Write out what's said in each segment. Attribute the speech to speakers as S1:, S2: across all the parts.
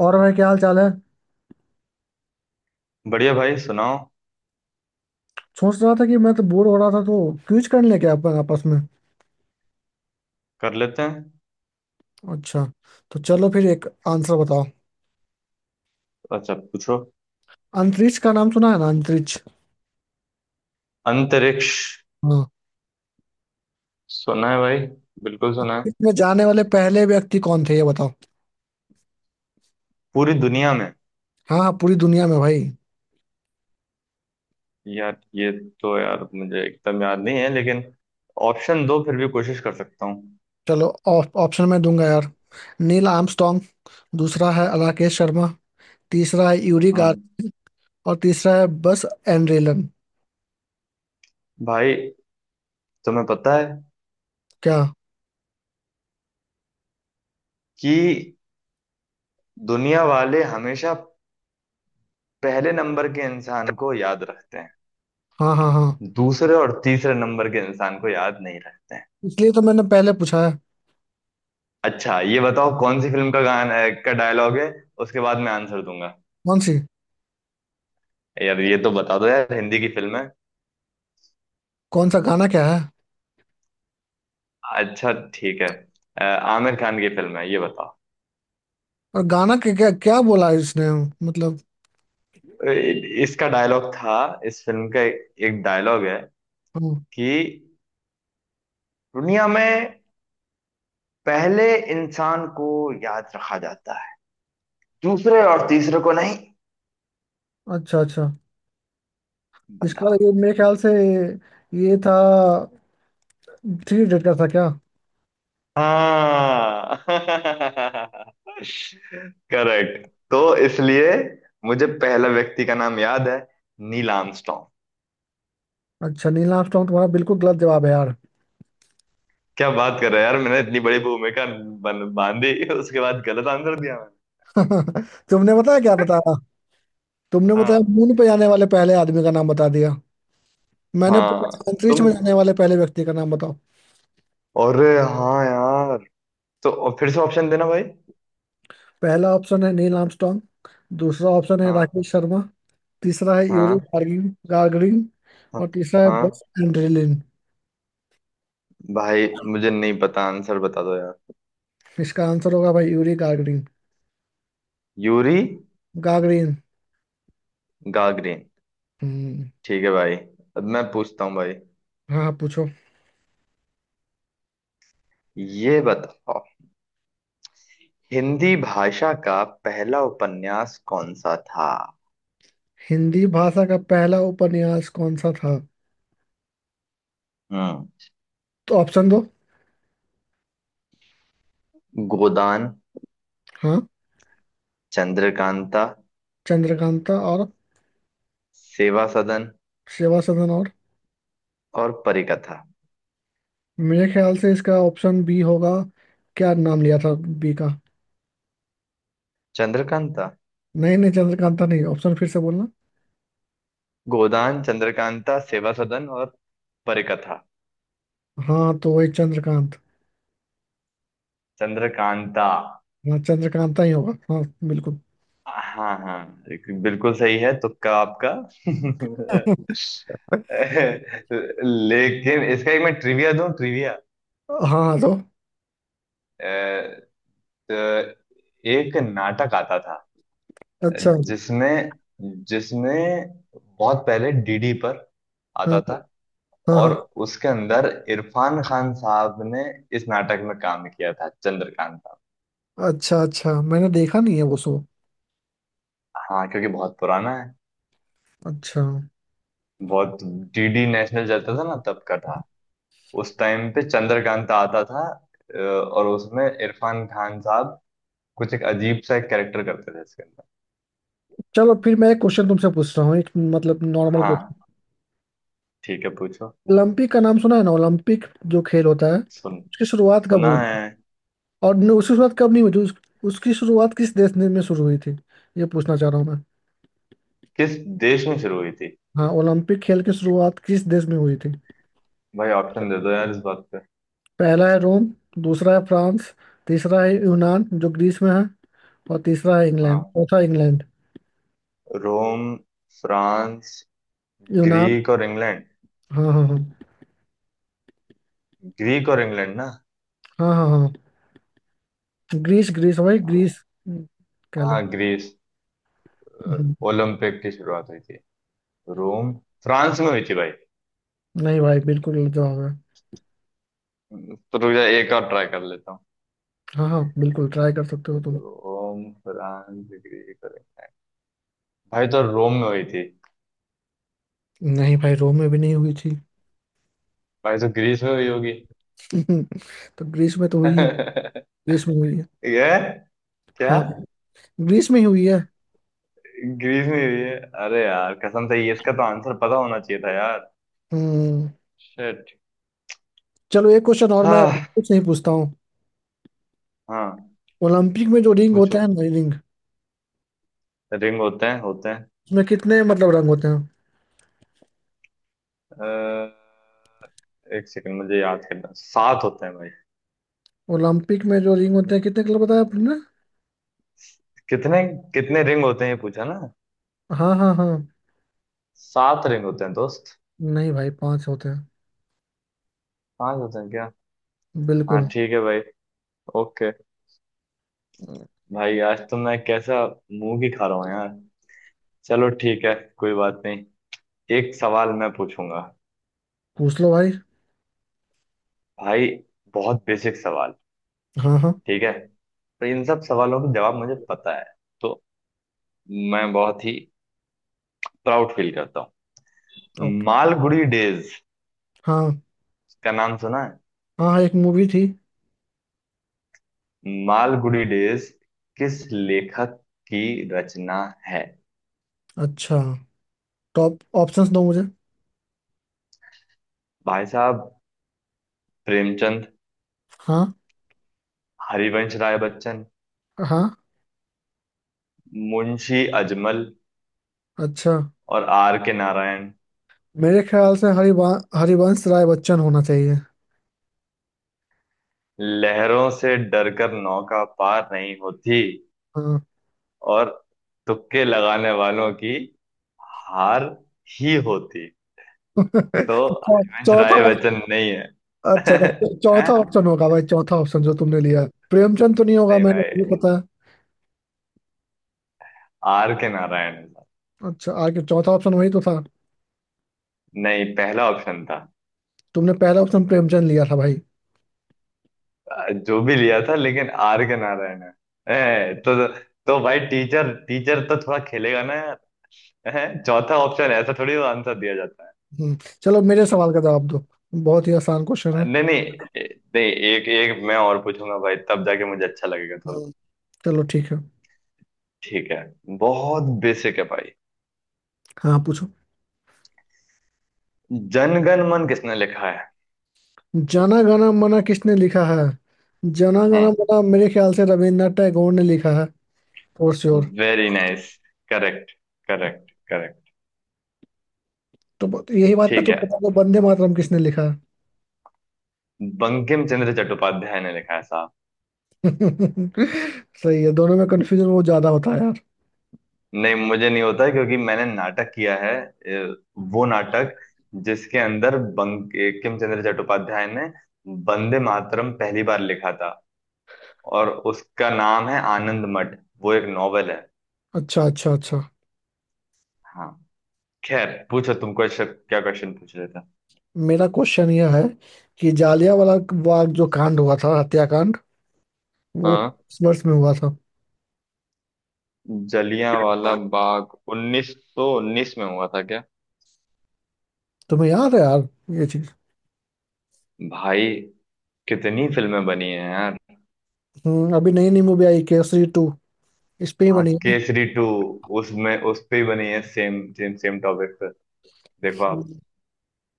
S1: और भाई क्या हाल चाल है।
S2: बढ़िया भाई सुनाओ।
S1: सोच रहा था कि मैं तो बोर हो रहा था तो क्विज कर लें क्या अपन आपस में।
S2: कर लेते हैं।
S1: अच्छा। तो चलो फिर एक आंसर बताओ।
S2: अच्छा पूछो।
S1: अंतरिक्ष का नाम सुना है ना, अंतरिक्ष।
S2: अंतरिक्ष।
S1: हाँ।
S2: सुना है भाई। बिल्कुल सुना है।
S1: इसमें जाने वाले पहले व्यक्ति कौन थे, ये बताओ।
S2: पूरी दुनिया में।
S1: हाँ हाँ, पूरी दुनिया में भाई।
S2: यार ये। तो यार मुझे एकदम याद नहीं है लेकिन ऑप्शन दो फिर भी कोशिश कर सकता हूँ।
S1: चलो ऑप्शन मैं दूंगा यार। नील आर्मस्ट्रॉन्ग। दूसरा है राकेश शर्मा। तीसरा है यूरी गार्ग।
S2: हम्म।
S1: और तीसरा है बस एंड्रेलन।
S2: भाई तुम्हें पता है
S1: क्या?
S2: कि दुनिया वाले हमेशा पहले नंबर के इंसान को याद रखते हैं।
S1: हाँ हाँ हाँ।
S2: दूसरे और तीसरे नंबर के इंसान को याद नहीं रखते हैं।
S1: इसलिए तो मैंने पहले पूछा है।
S2: अच्छा ये बताओ कौन सी फिल्म का गाना का डायलॉग है। उसके बाद मैं आंसर दूंगा।
S1: कौन सी?
S2: यार ये तो बता दो यार, हिंदी की फिल्म है।
S1: कौन सा गाना क्या है?
S2: अच्छा ठीक है। आमिर खान की फिल्म है, ये बताओ।
S1: और गाना क्या क्या, क्या बोला है इसने? मतलब।
S2: इसका डायलॉग था। इस फिल्म का एक डायलॉग है
S1: हम्म।
S2: कि दुनिया में पहले इंसान को याद रखा जाता है, दूसरे और तीसरे को नहीं।
S1: अच्छा, अच्छा। इसका
S2: बताओ।
S1: ये मेरे ख्याल से ये था। थ्री इडियट का था क्या?
S2: हाँ। करेक्ट, तो इसलिए मुझे पहला व्यक्ति का नाम याद है, नील आर्मस्ट्रॉन्ग।
S1: अच्छा, नील आर्मस्ट्रॉन्ग तुम्हारा बिल्कुल गलत जवाब है यार।
S2: क्या बात कर रहा है यार, मैंने इतनी बड़ी भूमिका बांधी, उसके बाद गलत आंसर दिया मैंने।
S1: तुमने बताया क्या बताया। तुमने बताया
S2: हाँ,
S1: मून पे जाने वाले पहले आदमी का नाम बता दिया। मैंने पूछा
S2: हाँ।
S1: अंतरिक्ष
S2: तुम।
S1: में जाने वाले पहले व्यक्ति का नाम बताओ।
S2: अरे। हाँ यार। तो और फिर से ऑप्शन देना भाई।
S1: पहला ऑप्शन है नील आर्मस्ट्रॉन्ग। दूसरा ऑप्शन है
S2: हाँ,
S1: राकेश शर्मा। तीसरा है यूरी
S2: हाँ,
S1: गार्गिन गार्गरिन।
S2: हाँ,
S1: और तीसरा है
S2: हाँ।
S1: बस एंड्रेलिन।
S2: भाई मुझे नहीं पता, आंसर बता दो यार।
S1: इसका आंसर होगा भाई Yuri Gagarin.
S2: Yuri.
S1: Gagarin.
S2: Gagarin.
S1: हम्म।
S2: ठीक है भाई। अब मैं पूछता हूँ भाई।
S1: हाँ, आप पूछो।
S2: ये बताओ हिंदी भाषा का पहला उपन्यास कौन सा था।
S1: हिंदी भाषा का पहला उपन्यास कौन सा था?
S2: हम्म।
S1: तो ऑप्शन दो।
S2: गोदान।
S1: हाँ।
S2: चंद्रकांता।
S1: चंद्रकांता और।
S2: सेवा सदन।
S1: सेवा सदन और।
S2: और परिकथा।
S1: मेरे ख्याल से इसका ऑप्शन बी होगा। क्या नाम लिया था बी का?
S2: चंद्रकांता।
S1: नहीं नहीं, चंद्रकांता नहीं, ऑप्शन फिर से बोलना।
S2: गोदान, चंद्रकांता, सेवा सदन और परिकथा।
S1: हाँ, तो वही चंद्रकांत।
S2: चंद्रकांता।
S1: हाँ, चंद्रकांता ही होगा, हाँ। बिल्कुल।
S2: हाँ, हाँ, बिल्कुल सही है, तुक्का आपका। लेकिन इसका एक मैं ट्रिविया दूं, ट्रिविया।
S1: हाँ हाँ। तो
S2: तो एक नाटक आता था
S1: अच्छा।
S2: जिसमें, बहुत पहले डीडी पर
S1: हाँ
S2: आता था।
S1: हाँ
S2: और
S1: हाँ।
S2: उसके अंदर इरफान खान साहब ने इस नाटक में काम किया था, चंद्रकांता।
S1: अच्छा अच्छा, मैंने देखा नहीं है वो शो।
S2: हाँ, क्योंकि बहुत पुराना है।
S1: अच्छा।
S2: बहुत। डीडी नेशनल चलता था ना, तब का था। उस टाइम पे चंद्रकांता आता था। और उसमें इरफान खान साहब कुछ एक अजीब सा एक कैरेक्टर करते थे इसके अंदर।
S1: चलो फिर मैं एक क्वेश्चन तुमसे पूछ रहा हूँ, एक मतलब नॉर्मल।
S2: हाँ ठीक है पूछो।
S1: ओलंपिक का नाम सुना है ना, ओलंपिक। जो खेल होता है
S2: सुन।
S1: उसकी शुरुआत कब
S2: सुना है।
S1: हुई? और न, उसकी शुरुआत कब नहीं हुई थी, उसकी शुरुआत किस देश ने में शुरू हुई थी? ये पूछना चाह रहा हूँ मैं।
S2: किस देश में शुरू हुई थी।
S1: हाँ, ओलंपिक खेल की शुरुआत किस देश में हुई थी?
S2: भाई ऑप्शन दे दो यार इस बात पे।
S1: पहला है रोम। दूसरा है फ्रांस। तीसरा है यूनान जो ग्रीस में है। और तीसरा है
S2: हाँ।
S1: इंग्लैंड, चौथा इंग्लैंड।
S2: रोम, फ्रांस,
S1: यूनान।
S2: ग्रीक और इंग्लैंड।
S1: हाँ हाँ हाँ।
S2: ग्रीक और इंग्लैंड ना।
S1: हाँ हाँ हाँ। ग्रीस, ग्रीस भाई, ग्रीस कह लो।
S2: हाँ, ग्रीस। अ,
S1: हम्म,
S2: ओलंपिक की शुरुआत हुई थी रोम। फ्रांस में हुई थी भाई।
S1: नहीं भाई, बिल्कुल गलत जवाब है।
S2: तो रुक जा, एक और ट्राई कर लेता हूँ।
S1: हाँ हाँ, बिल्कुल ट्राई कर सकते
S2: तो
S1: हो तुम।
S2: रोम, फ्रांस, ग्रीस, अरे भाई तो रोम में हुई थी।
S1: नहीं भाई, रोम में भी नहीं हुई थी।
S2: भाई तो ग्रीस में हुई होगी।
S1: तो ग्रीस में तो हुई। ग्रीस में हुई है।
S2: ये क्या।
S1: हाँ, ग्रीस में ही हुई है।
S2: ग्रीस में हुई है। अरे यार कसम से, ये इसका तो आंसर पता होना चाहिए था यार।
S1: हम्म
S2: शिट।
S1: चलो एक क्वेश्चन और मैं
S2: हाँ,
S1: कुछ नहीं पूछता हूँ।
S2: हाँ,
S1: ओलंपिक में जो रिंग
S2: पूछो।
S1: होता है ना, रिंग।
S2: रिंग होते हैं, होते हैं।
S1: उसमें कितने मतलब रंग होते हैं?
S2: अ, एक सेकंड मुझे याद करना, सात होते हैं भाई।
S1: ओलंपिक में जो रिंग होते हैं कितने कलर बताया आपने?
S2: कितने। कितने रिंग होते हैं, ये पूछा ना।
S1: हाँ हाँ हाँ।
S2: सात रिंग होते हैं दोस्त।
S1: नहीं भाई, पांच होते हैं।
S2: पांच होते हैं क्या। हाँ
S1: बिल्कुल।
S2: ठीक है भाई। ओके। भाई आज तो मैं कैसा मुंह की खा रहा हूँ यार। चलो ठीक है, कोई बात नहीं। एक सवाल मैं पूछूंगा
S1: पूछ लो भाई।
S2: भाई। बहुत बेसिक सवाल।
S1: हाँ हाँ।
S2: ठीक है। तो इन सब सवालों के जवाब मुझे पता है, तो मैं बहुत ही प्राउड फील करता हूँ।
S1: ओके।
S2: मालगुडी डेज
S1: हाँ
S2: का नाम सुना है।
S1: हाँ हाँ, एक मूवी थी।
S2: मालगुडी डेज किस लेखक की रचना है।
S1: अच्छा। टॉप ऑप्शंस दो मुझे।
S2: भाई साहब। प्रेमचंद।
S1: हाँ।
S2: हरिवंश राय बच्चन।
S1: हाँ।
S2: मुंशी अजमल।
S1: अच्छा।
S2: और आर के नारायण।
S1: मेरे ख्याल से हरिवा हरिवंश राय बच्चन होना चाहिए।
S2: लहरों से डरकर नौका पार नहीं होती,
S1: हाँ।
S2: और तुक्के लगाने वालों की हार ही होती। तो हरिवंश
S1: चौथा
S2: राय
S1: ऑप-।
S2: बच्चन नहीं है।
S1: अच्छा, तो चौथा
S2: हैं?
S1: ऑप्शन होगा भाई, चौथा ऑप्शन जो तुमने लिया प्रेमचंद तो नहीं होगा
S2: नहीं
S1: मैंने
S2: भाई,
S1: ये पता है।
S2: आर के नारायण है साहब।
S1: अच्छा, आगे चौथा ऑप्शन वही तो था।
S2: नहीं, पहला ऑप्शन था।
S1: तुमने पहला ऑप्शन प्रेमचंद लिया था भाई।
S2: जो भी लिया था, लेकिन आर के नारायण है। हैं? तो भाई, टीचर टीचर तो थोड़ा खेलेगा ना यार। हैं? चौथा ऑप्शन ऐसा थोड़ी आंसर दिया जाता है।
S1: हम्म, चलो मेरे सवाल का जवाब दो। बहुत ही आसान क्वेश्चन है।
S2: नहीं, नहीं। नहीं। एक एक मैं और पूछूंगा भाई, तब जाके मुझे अच्छा लगेगा थोड़ा।
S1: हम्म, चलो ठीक है।
S2: ठीक है। बहुत बेसिक है भाई।
S1: हाँ पूछो।
S2: जनगण मन किसने लिखा है।
S1: जना गण मना किसने लिखा है? जना गण
S2: हम्म।
S1: मना मेरे ख्याल से रविन्द्रनाथ टैगोर ने लिखा है। For sure.
S2: Very nice. Correct, correct, correct.
S1: तो यही बात पे
S2: ठीक
S1: तुम
S2: है।
S1: बता दो, वंदे मातरम किसने लिखा है?
S2: बंकिम चंद्र चट्टोपाध्याय ने लिखा है साहब।
S1: सही है, दोनों में कंफ्यूजन वो ज्यादा होता है यार।
S2: नहीं, मुझे नहीं होता क्योंकि मैंने नाटक किया है। वो नाटक जिसके अंदर बंकिम चंद्र चट्टोपाध्याय ने वंदे मातरम पहली बार लिखा था। और उसका नाम है आनंद मठ, वो एक नॉवेल है।
S1: अच्छा अच्छा अच्छा।
S2: हाँ। खैर पूछो तुम, क्वेश्चन क्या क्वेश्चन पूछ रहे थे।
S1: मेरा क्वेश्चन यह है कि जालियांवाला बाग जो कांड हुआ था, हत्याकांड, वो
S2: हाँ।
S1: किस वर्ष में हुआ था?
S2: जलियांवाला बाग 1919 में हुआ था क्या।
S1: तुम्हें याद है यार ये चीज?
S2: भाई कितनी फिल्में बनी हैं यार।
S1: अभी नई नई मूवी आई केसरी 2, इस पे ही
S2: हाँ,
S1: बनी है ना?
S2: केसरी टू। उसमें उस पे ही बनी है, सेम सेम सेम टॉपिक पे। देखो आप।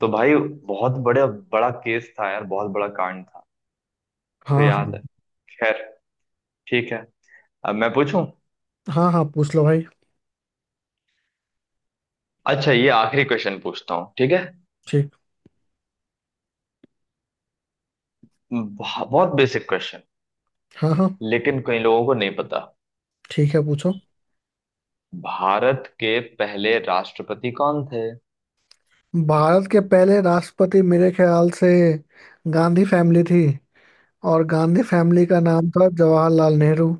S2: तो भाई बहुत बड़े, बड़ा केस था यार, बहुत बड़ा कांड था। तो
S1: हाँ हाँ
S2: याद है। खैर ठीक है। अब मैं पूछूं।
S1: हाँ। हाँ पूछ लो भाई।
S2: अच्छा, ये आखिरी क्वेश्चन पूछता हूँ, ठीक है।
S1: ठीक।
S2: बहुत बेसिक क्वेश्चन।
S1: हाँ हाँ,
S2: लेकिन कई लोगों को नहीं पता।
S1: ठीक है पूछो।
S2: भारत के पहले राष्ट्रपति कौन थे।
S1: भारत के पहले राष्ट्रपति मेरे ख्याल से गांधी फैमिली थी। और गांधी फैमिली का नाम था जवाहरलाल नेहरू।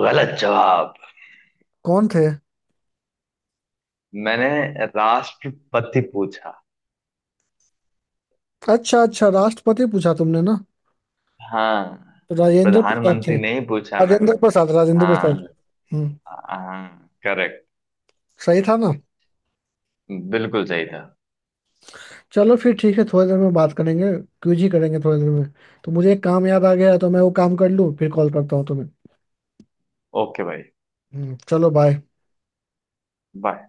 S2: गलत जवाब।
S1: कौन थे?
S2: मैंने राष्ट्रपति पूछा।
S1: अच्छा अच्छा, राष्ट्रपति पूछा तुमने ना।
S2: हाँ।
S1: तो राजेंद्र प्रसाद थे।
S2: प्रधानमंत्री नहीं पूछा मैंने।
S1: राजेंद्र प्रसाद, राजेंद्र प्रसाद। हम्म।
S2: हाँ,
S1: हम्म
S2: हाँ, करेक्ट।
S1: सही था ना?
S2: बिल्कुल सही था।
S1: चलो फिर ठीक है, थोड़ी देर में बात करेंगे। क्यूजी करेंगे थोड़ी देर में। तो मुझे एक काम याद आ गया है, तो मैं वो काम कर लूँ फिर कॉल करता हूँ तुम्हें।
S2: ओके भाई,
S1: चलो बाय।
S2: बाय।